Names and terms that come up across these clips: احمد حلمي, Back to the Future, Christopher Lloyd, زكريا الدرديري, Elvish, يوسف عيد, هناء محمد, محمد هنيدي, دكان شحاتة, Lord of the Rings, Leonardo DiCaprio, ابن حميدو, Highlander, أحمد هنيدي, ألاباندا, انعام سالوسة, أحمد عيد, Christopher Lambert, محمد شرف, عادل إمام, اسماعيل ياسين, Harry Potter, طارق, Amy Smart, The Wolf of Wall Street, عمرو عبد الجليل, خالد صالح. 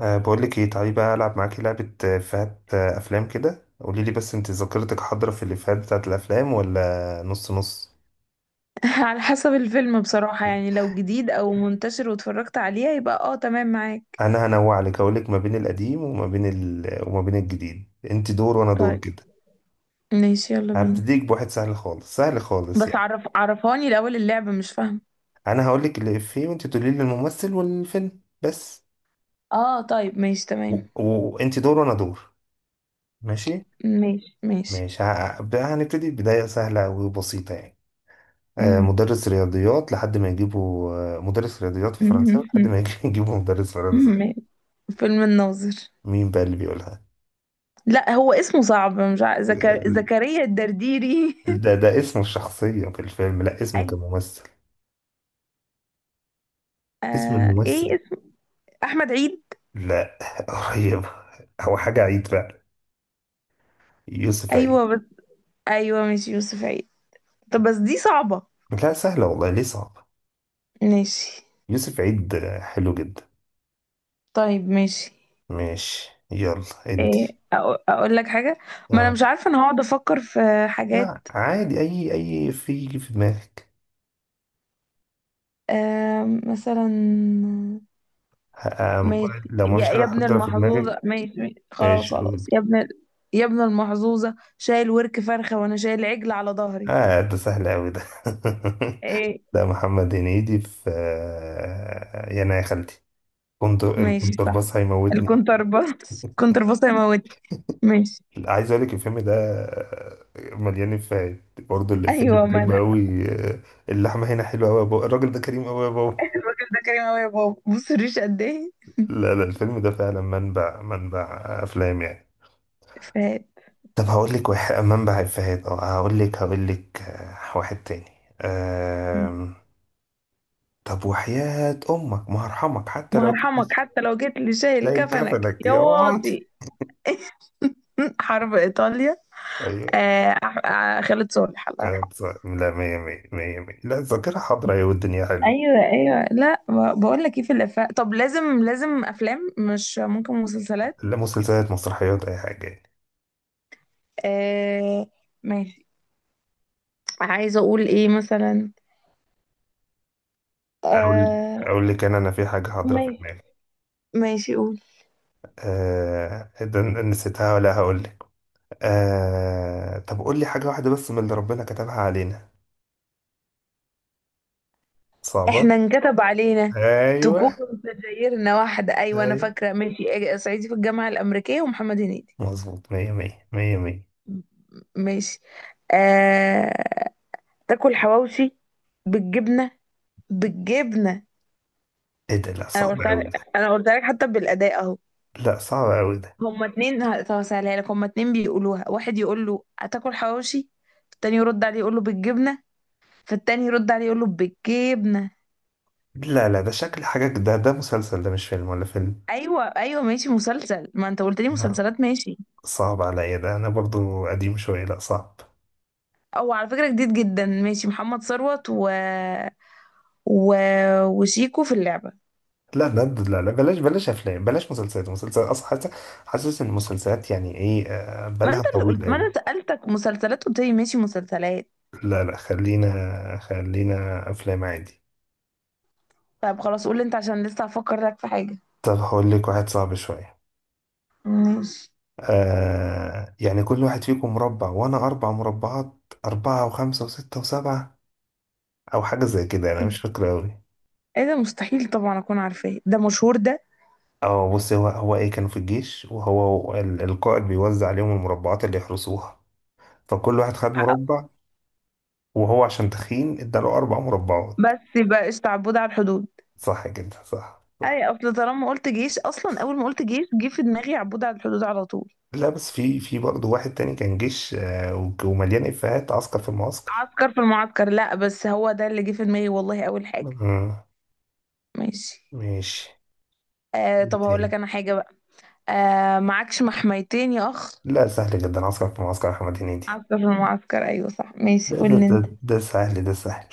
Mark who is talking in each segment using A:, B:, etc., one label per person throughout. A: بقول لك ايه، تعالي بقى العب معاكي لعبه، افيهات، افلام كده. قولي لي، بس انت ذاكرتك حاضره في الافيهات بتاعت الافلام ولا نص نص؟
B: على حسب الفيلم بصراحة، يعني لو جديد أو منتشر واتفرجت عليه يبقى اه تمام معاك.
A: انا هنوع لك، هقول لك ما بين القديم وما بين وما بين الجديد، انت دور وانا دور
B: طيب،
A: كده.
B: ماشي يلا بينا.
A: هبتديك بواحد سهل خالص سهل خالص
B: بس
A: يعني.
B: عرف عرفاني الأول، اللعبة مش فاهمة.
A: انا هقول لك الافيه وانت تقولي لي الممثل والفيلم بس.
B: اه طيب ماشي تمام.
A: وانت وأنت دور وانا دور. ماشي
B: ماشي ماشي.
A: ماشي. هنبتدي بدايه سهله وبسيطه يعني.
B: مم.
A: مدرس رياضيات لحد ما يجيبوا، مدرس رياضيات وفرنساوي لحد ما يجيبوا مدرس فرنساوي.
B: ماشي. فيلم الناظر.
A: مين بقى اللي بيقولها؟
B: لا هو اسمه صعب، مش عارف.
A: آه،
B: زكريا الدرديري.
A: ده اسمه الشخصية في الفيلم، لا اسمه
B: أي...
A: كممثل. اسم
B: آه...
A: الممثل.
B: ايه اسم- أحمد عيد.
A: لا قريب. هو حاجة عيد فعلا. يوسف عيد.
B: أيوه بس... أيوه ماشي، يوسف عيد. طب بس دي صعبة.
A: لا سهلة والله، ليه صعبة؟
B: ماشي.
A: يوسف عيد، حلو جدا.
B: طيب ماشي.
A: ماشي يلا
B: إيه.
A: انتي.
B: اقول لك حاجه. ما انا
A: اه.
B: مش عارفه، انا هقعد افكر في حاجات.
A: لا عادي، اي في دماغك.
B: مثلا.
A: آه،
B: ماشي
A: لو ما
B: يا,
A: فيش حاجة
B: يا ابن
A: حاضرة في دماغك،
B: المحظوظه، ماشي ماشي. خلاص
A: ماشي قول.
B: خلاص يا ابن. يا ابن المحظوظه، شايل ورك فرخه وانا شايل عجل على ظهري.
A: اه ده سهل أوي ده
B: ايه.
A: ده محمد هنيدي في، يانا يا خالتي، كنت
B: ماشي صح.
A: الكونترباس هيموتني.
B: الكونترباس، الكونترباس هيموت. ماشي.
A: عايز اقول لك الفيلم ده، مليان افيهات برضه. الافيه اللي
B: ايوه ما
A: بحبه
B: انا.
A: قوي، اللحمه هنا حلوه قوي يا بابا، الراجل ده كريم قوي يا بابا.
B: الراجل ده كريم قوي يا بابا، بص الريش قد ايه.
A: لا لا، الفيلم ده فعلا منبع، منبع افلام يعني.
B: فات.
A: طب هقول لك واحد منبع افيهات. اه هقول لك، واحد تاني. آم، طب وحياة امك ما هرحمك حتى
B: ما
A: لو
B: هرحمك
A: جيت.
B: حتى لو جيت لي شايل
A: شايل
B: كفنك
A: كفنك
B: يا
A: يا واد.
B: واطي. حرب ايطاليا.
A: ايوه.
B: خالد صالح الله يرحمه.
A: لا مية مية مية مية، لا الذاكرة حاضرة، أيوة والدنيا حلوة.
B: ايوه ايوه. لا بقول لك ايه، في الافلام طب لازم لازم افلام، مش ممكن مسلسلات؟
A: لا مسلسلات، مسرحيات، أي حاجة يعني.
B: آه. ماشي. عايزه اقول ايه مثلا.
A: أقول
B: آه.
A: أقول لك، أنا في حاجة حاضرة في
B: ماشي
A: دماغي.
B: ماشي قول.
A: آه ده نسيتها، ولا هقول لك. آه طب قول لي حاجة واحدة بس من اللي ربنا كتبها علينا صعبة.
B: احنا انكتب علينا تكون
A: أيوة.
B: سجايرنا واحده، ايوه انا
A: أيوة
B: فاكره، ماشي. آه، صعيدي في الجامعه الامريكيه ومحمد هنيدي.
A: مظبوط، مية مية مية مية.
B: ماشي. آه... تاكل حواوشي بالجبنه، بالجبنه.
A: إيه ده، لا
B: انا
A: صعب
B: قلت
A: أوي
B: لك
A: ده.
B: انا قلت لك حتى بالاداء اهو.
A: لا صعب أوي ده.
B: هما اتنين هسهلها لك، هما اتنين بيقولوها. واحد يقول له هتاكل حواوشي، التاني يرد عليه يقول له بالجبنه، فالتاني يرد عليه يقول له بالجبنه.
A: لا لا، ده شكل حاجة. ده مسلسل ده، مش فيلم ولا فيلم.
B: ايوه ايوه ماشي مسلسل، ما انت قلت لي
A: لا
B: مسلسلات، ماشي.
A: صعب عليا ده، انا برضو قديم شويه، لا صعب.
B: او على فكره جديد جدا، ماشي. محمد ثروت و... و... وشيكو في اللعبه.
A: لا لا لا لا، بلاش بلاش افلام، بلاش مسلسلات. مسلسلات اصلا حاسس، ان المسلسلات يعني ايه،
B: ما
A: بالها
B: انت اللي
A: طويل
B: قلت، ما انا
A: قوي.
B: سالتك مسلسلات، قلت لي ماشي مسلسلات.
A: لا لا خلينا خلينا، افلام عادي.
B: طب خلاص قول لي انت، عشان لسه هفكر لك في حاجه.
A: طب هقول لك واحد صعب شويه.
B: ماشي.
A: آه يعني كل واحد فيكم مربع وانا اربع مربعات، اربعه وخمسه وسته وسبعه، او حاجه زي كده، انا مش فاكره قوي.
B: ايه ده؟ مستحيل طبعا اكون عارفاه، ده مشهور ده.
A: اه بص، هو ايه، كانوا في الجيش وهو القائد بيوزع عليهم المربعات اللي يحرسوها. فكل واحد خد مربع، وهو عشان تخين اداله أربع مربعات.
B: بس بقى قشطة، عبود على الحدود.
A: صح كده، صح صح.
B: اي اصل طالما قلت جيش، اصلا اول ما قلت جيش جه في دماغي عبود على الحدود على طول.
A: لا بس في برضه واحد تاني كان جيش، ومليان إفيهات، عسكر في المعسكر.
B: عسكر في المعسكر، لا بس هو ده اللي جه في دماغي والله اول حاجه.
A: مم.
B: ماشي.
A: ماشي.
B: آه
A: إيه
B: طب هقول
A: تاني؟
B: لك انا حاجه بقى. آه، معكش محميتين يا اخ.
A: لا سهل جدا، عسكر في المعسكر، أحمد هنيدي.
B: عسكر في المعسكر، ايوه صح، ماشي
A: ده ده
B: قول لي
A: ده,
B: انت.
A: ده سهل، ده سهل.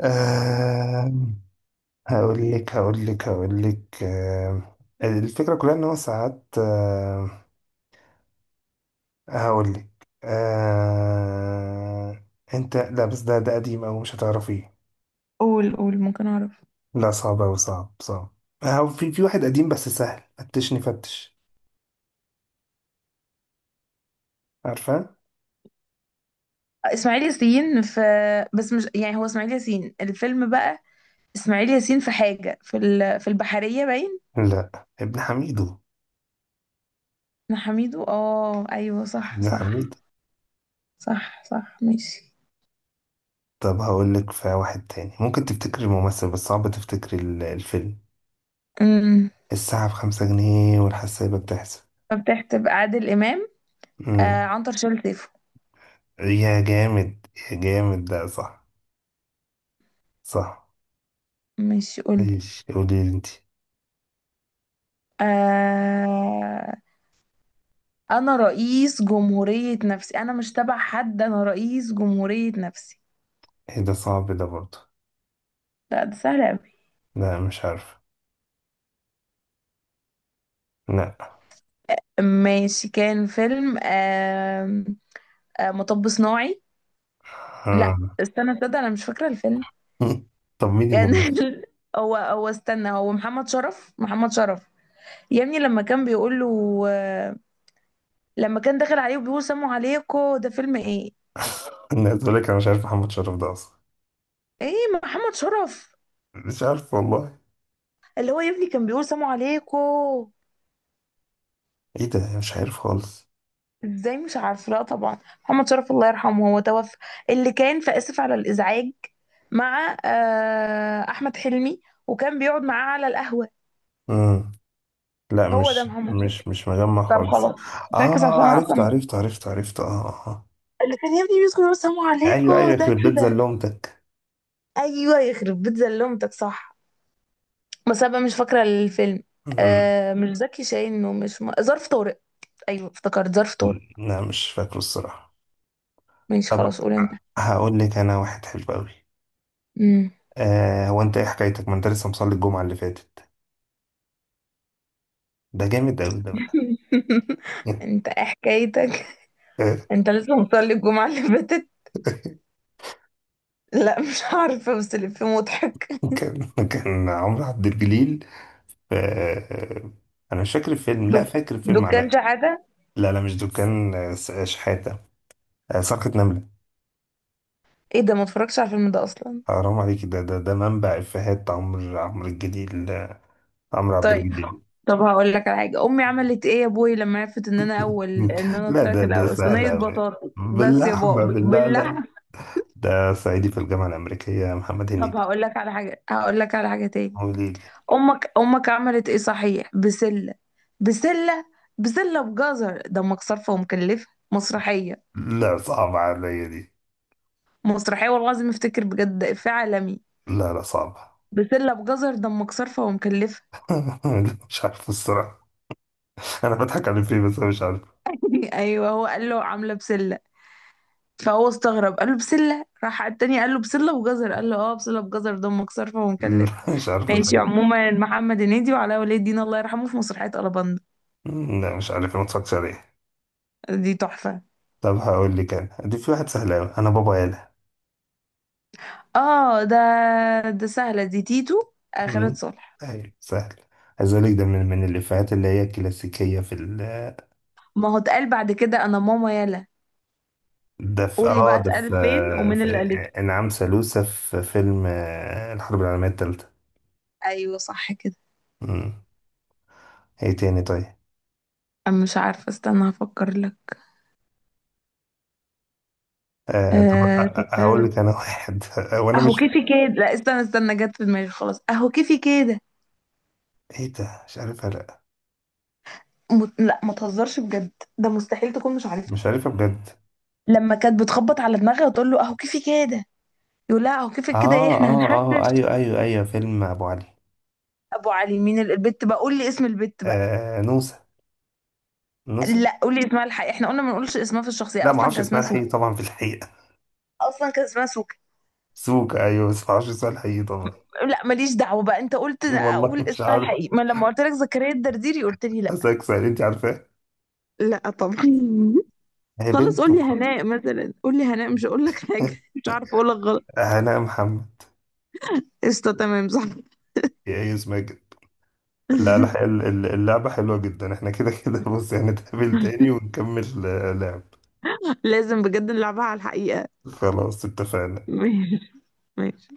A: آه. هقول لك الفكرة كلها إن هو ساعات هقول لك. آه أنت، لا بس ده قديم أوي، مش هتعرفيه.
B: قول قول، ممكن اعرف.
A: لا صعب أوي، صعب صعب. أهو في واحد قديم بس سهل، فتشني فتش. عارفة؟
B: آه، اسماعيل ياسين في آه، بس مش يعني هو اسماعيل ياسين الفيلم بقى. اسماعيل ياسين في حاجه، في البحريه باين.
A: لا، ابن حميدو.
B: إحنا حميدو، اه ايوه صح
A: ابن
B: صح.
A: حميدو.
B: صح صح ماشي.
A: طب هقول لك في واحد تاني، ممكن تفتكري الممثل بس صعب تفتكري الفيلم. الساعة بخمسة جنيه، والحسابة بتحسب.
B: مفتاح، تبقى عادل إمام. آه،
A: امم.
B: عنتر شال سيفه.
A: يا جامد، يا جامد ده صح. صح.
B: ماشي قولي.
A: ماشي، قولي لي انتي.
B: آه. أنا رئيس جمهورية نفسي، أنا مش تبع حد، أنا رئيس جمهورية نفسي.
A: ايه ده صعب ده برضه.
B: لا ده سهل أوي.
A: لا مش عارف. لا.
B: ماشي كان فيلم آه، آه، مطب صناعي. لا
A: آه.
B: استنى، تصدق أنا مش فاكرة الفيلم.
A: طب مين
B: كان
A: الممثل؟
B: هو استنى، هو محمد شرف، محمد شرف. يا ابني لما كان بيقول له آه، لما كان داخل عليه وبيقول سموا عليكم، ده فيلم ايه؟
A: الناس. بقول لك انا مش عارف محمد شرف ده اصلا.
B: ايه، محمد شرف.
A: مش عارف والله.
B: اللي هو يا ابني كان بيقول سلام عليكم.
A: ايه ده مش عارف خالص.
B: ازاي مش عارفه؟ لا طبعا. محمد شرف الله يرحمه، هو توفى. اللي كان في اسف على الازعاج مع آه، احمد حلمي، وكان بيقعد معاه على القهوه.
A: امم لا
B: هو ده
A: مش
B: محمد شرف.
A: مش مش مجمع
B: طب
A: خالص.
B: خلاص. فاكس عشان
A: اه
B: أنا
A: عرفت
B: اصلا،
A: عرفت عرفت عرفت، اه آه.
B: اللي كان يا ابني بيدخل يقول سلام عليكم.
A: ايوه ايوه،
B: ده
A: يخرب بيت
B: كده.
A: زلمتك.
B: ايوه يخرب بيت زلمتك صح. بس انا بقى مش فاكره الفيلم.
A: أمم.
B: آه، مش زكي شاهين ومش ظرف طارق. ايوه افتكرت، ظرف طارق.
A: لا مش فاكره الصراحة.
B: ماشي
A: طب
B: خلاص قول انت.
A: هقول لك انا واحد حلو قوي.
B: مم.
A: آه هو انت ايه حكايتك، ما انت لسه مصلي الجمعة اللي فاتت؟ ده جامد قوي ده بقى.
B: انت ايه حكايتك، انت لسه مصلي الجمعة اللي فاتت؟ لا مش عارفة بس اللي فيه مضحك.
A: كان عمرو عبد الجليل آه. انا مش فاكر الفيلم، لا
B: دك-
A: فاكر الفيلم.
B: دكان شحاتة.
A: لا لا مش دكان، شحاتة، صرخة نملة.
B: ايه ده، ما اتفرجش على الفيلم ده اصلا.
A: حرام عليك، ده منبع إفيهات، عمرو الجليل، عمرو عبد
B: طيب.
A: الجليل.
B: طب هقول لك على حاجة، امي عملت ايه يا ابوي لما عرفت ان انا اول، ان انا
A: لا
B: طلعت
A: ده
B: الاول،
A: سهل
B: صينية
A: أوي،
B: بطاطس بس يا
A: باللحمة
B: بابا
A: باللعلة.
B: باللحمة.
A: ده صعيدي في الجامعة الأمريكية، محمد
B: طب
A: هنيدي.
B: هقول لك على حاجة، هقول لك على حاجة تاني.
A: وليدي.
B: امك امك عملت ايه صحيح، بسلة، بسلة، بسلة بجزر ده امك صارفة ومكلفة. مسرحية.
A: لا صعبة عليا دي.
B: مسرحية والله العظيم، افتكر بجد إفيه عالمي.
A: لا لا صعبة.
B: بسلة بجزر دمك صرفة ومكلفة.
A: مش عارف الصراحة. أنا بضحك على فيه بس أنا مش عارف
B: أيوه، هو قال له عاملة بسلة، فهو استغرب قال له بسلة، راح التاني قال له بسلة بجزر، قال له اه بسلة بجزر دمك صرفة ومكلفة.
A: مش عارف
B: ماشي
A: الحقيقة.
B: عموما، محمد هنيدي وعلاء ولي الدين الله يرحمه، في مسرحية ألاباندا.
A: لا مش عارف، ما اتفرجتش عليه.
B: دي تحفة.
A: طب هقول لك أنا دي في واحد سهل أوي، أنا بابا.
B: اه ده، سهلة دي، تيتو. آه، خالد
A: مم.
B: صالح.
A: ايوه سهل. عايز اقول لك ده من الافيهات اللي هي كلاسيكيه في
B: ما هو اتقال بعد كده، أنا ماما يلا.
A: ده في
B: قول لي بقى
A: اه ده
B: اتقال
A: في,
B: فين، ومين
A: في
B: اللي قالته.
A: انعام سالوسة في فيلم، الحرب العالميه الثالثه.
B: أيوه صح كده.
A: مم. ايه تاني طيب.
B: أنا مش عارفة، استنى هفكر لك.
A: آه طب
B: آه.
A: هقول لك انا واحد وانا
B: اهو
A: مش.
B: كيفي كده، لا استنى استنى، جت في دماغي خلاص، اهو كيفي كده.
A: ايه ده مش عارفها لا.
B: لا ما تهزرش بجد، ده مستحيل تكون مش عارفها.
A: مش عارفها بجد.
B: لما كانت بتخبط على دماغها وتقول له اهو كيفي كده، يقول لها اهو كيفك كده ايه
A: اه
B: احنا
A: اه، اه
B: هنحشش.
A: ايوه ايوه ايوه، فيلم ابو علي.
B: ابو علي. مين البت بقى، قول لي اسم البت بقى.
A: آه نوسة. نوسة.
B: لا قول لي اسمها الحقيقي، احنا قلنا ما نقولش اسمها في الشخصيه،
A: لا ما
B: اصلا كان
A: اعرفش اسمها
B: اسمها
A: الحقيقي
B: سوكي.
A: طبعا في الحقيقه.
B: اصلا كان اسمها سوكي.
A: سوكا ايوه، بس ما اعرفش اسمها الحقيقي طبعا.
B: لا ماليش دعوه بقى، انت قلت
A: والله
B: اقول
A: مش
B: اسمها
A: عارف.
B: الحقيقي، ما لما قلت لك زكريا الدرديري قلت لي لا.
A: حاسسك سهل، انت عارفه.
B: لا طبعا.
A: هي
B: خلاص قول لي هناء مثلا، قول لي هناء، مش هقول لك حاجه. مش عارفه اقول لك.
A: هناء محمد.
B: قشطة تمام صح.
A: يا ايه اسمها كده. لا لا اللعبة حلوة جدا، احنا كده كده بص هنتقابل تاني ونكمل، لعب.
B: لازم بجد نلعبها على الحقيقة.
A: خلاص اتفقنا.
B: ماشي. ماشي.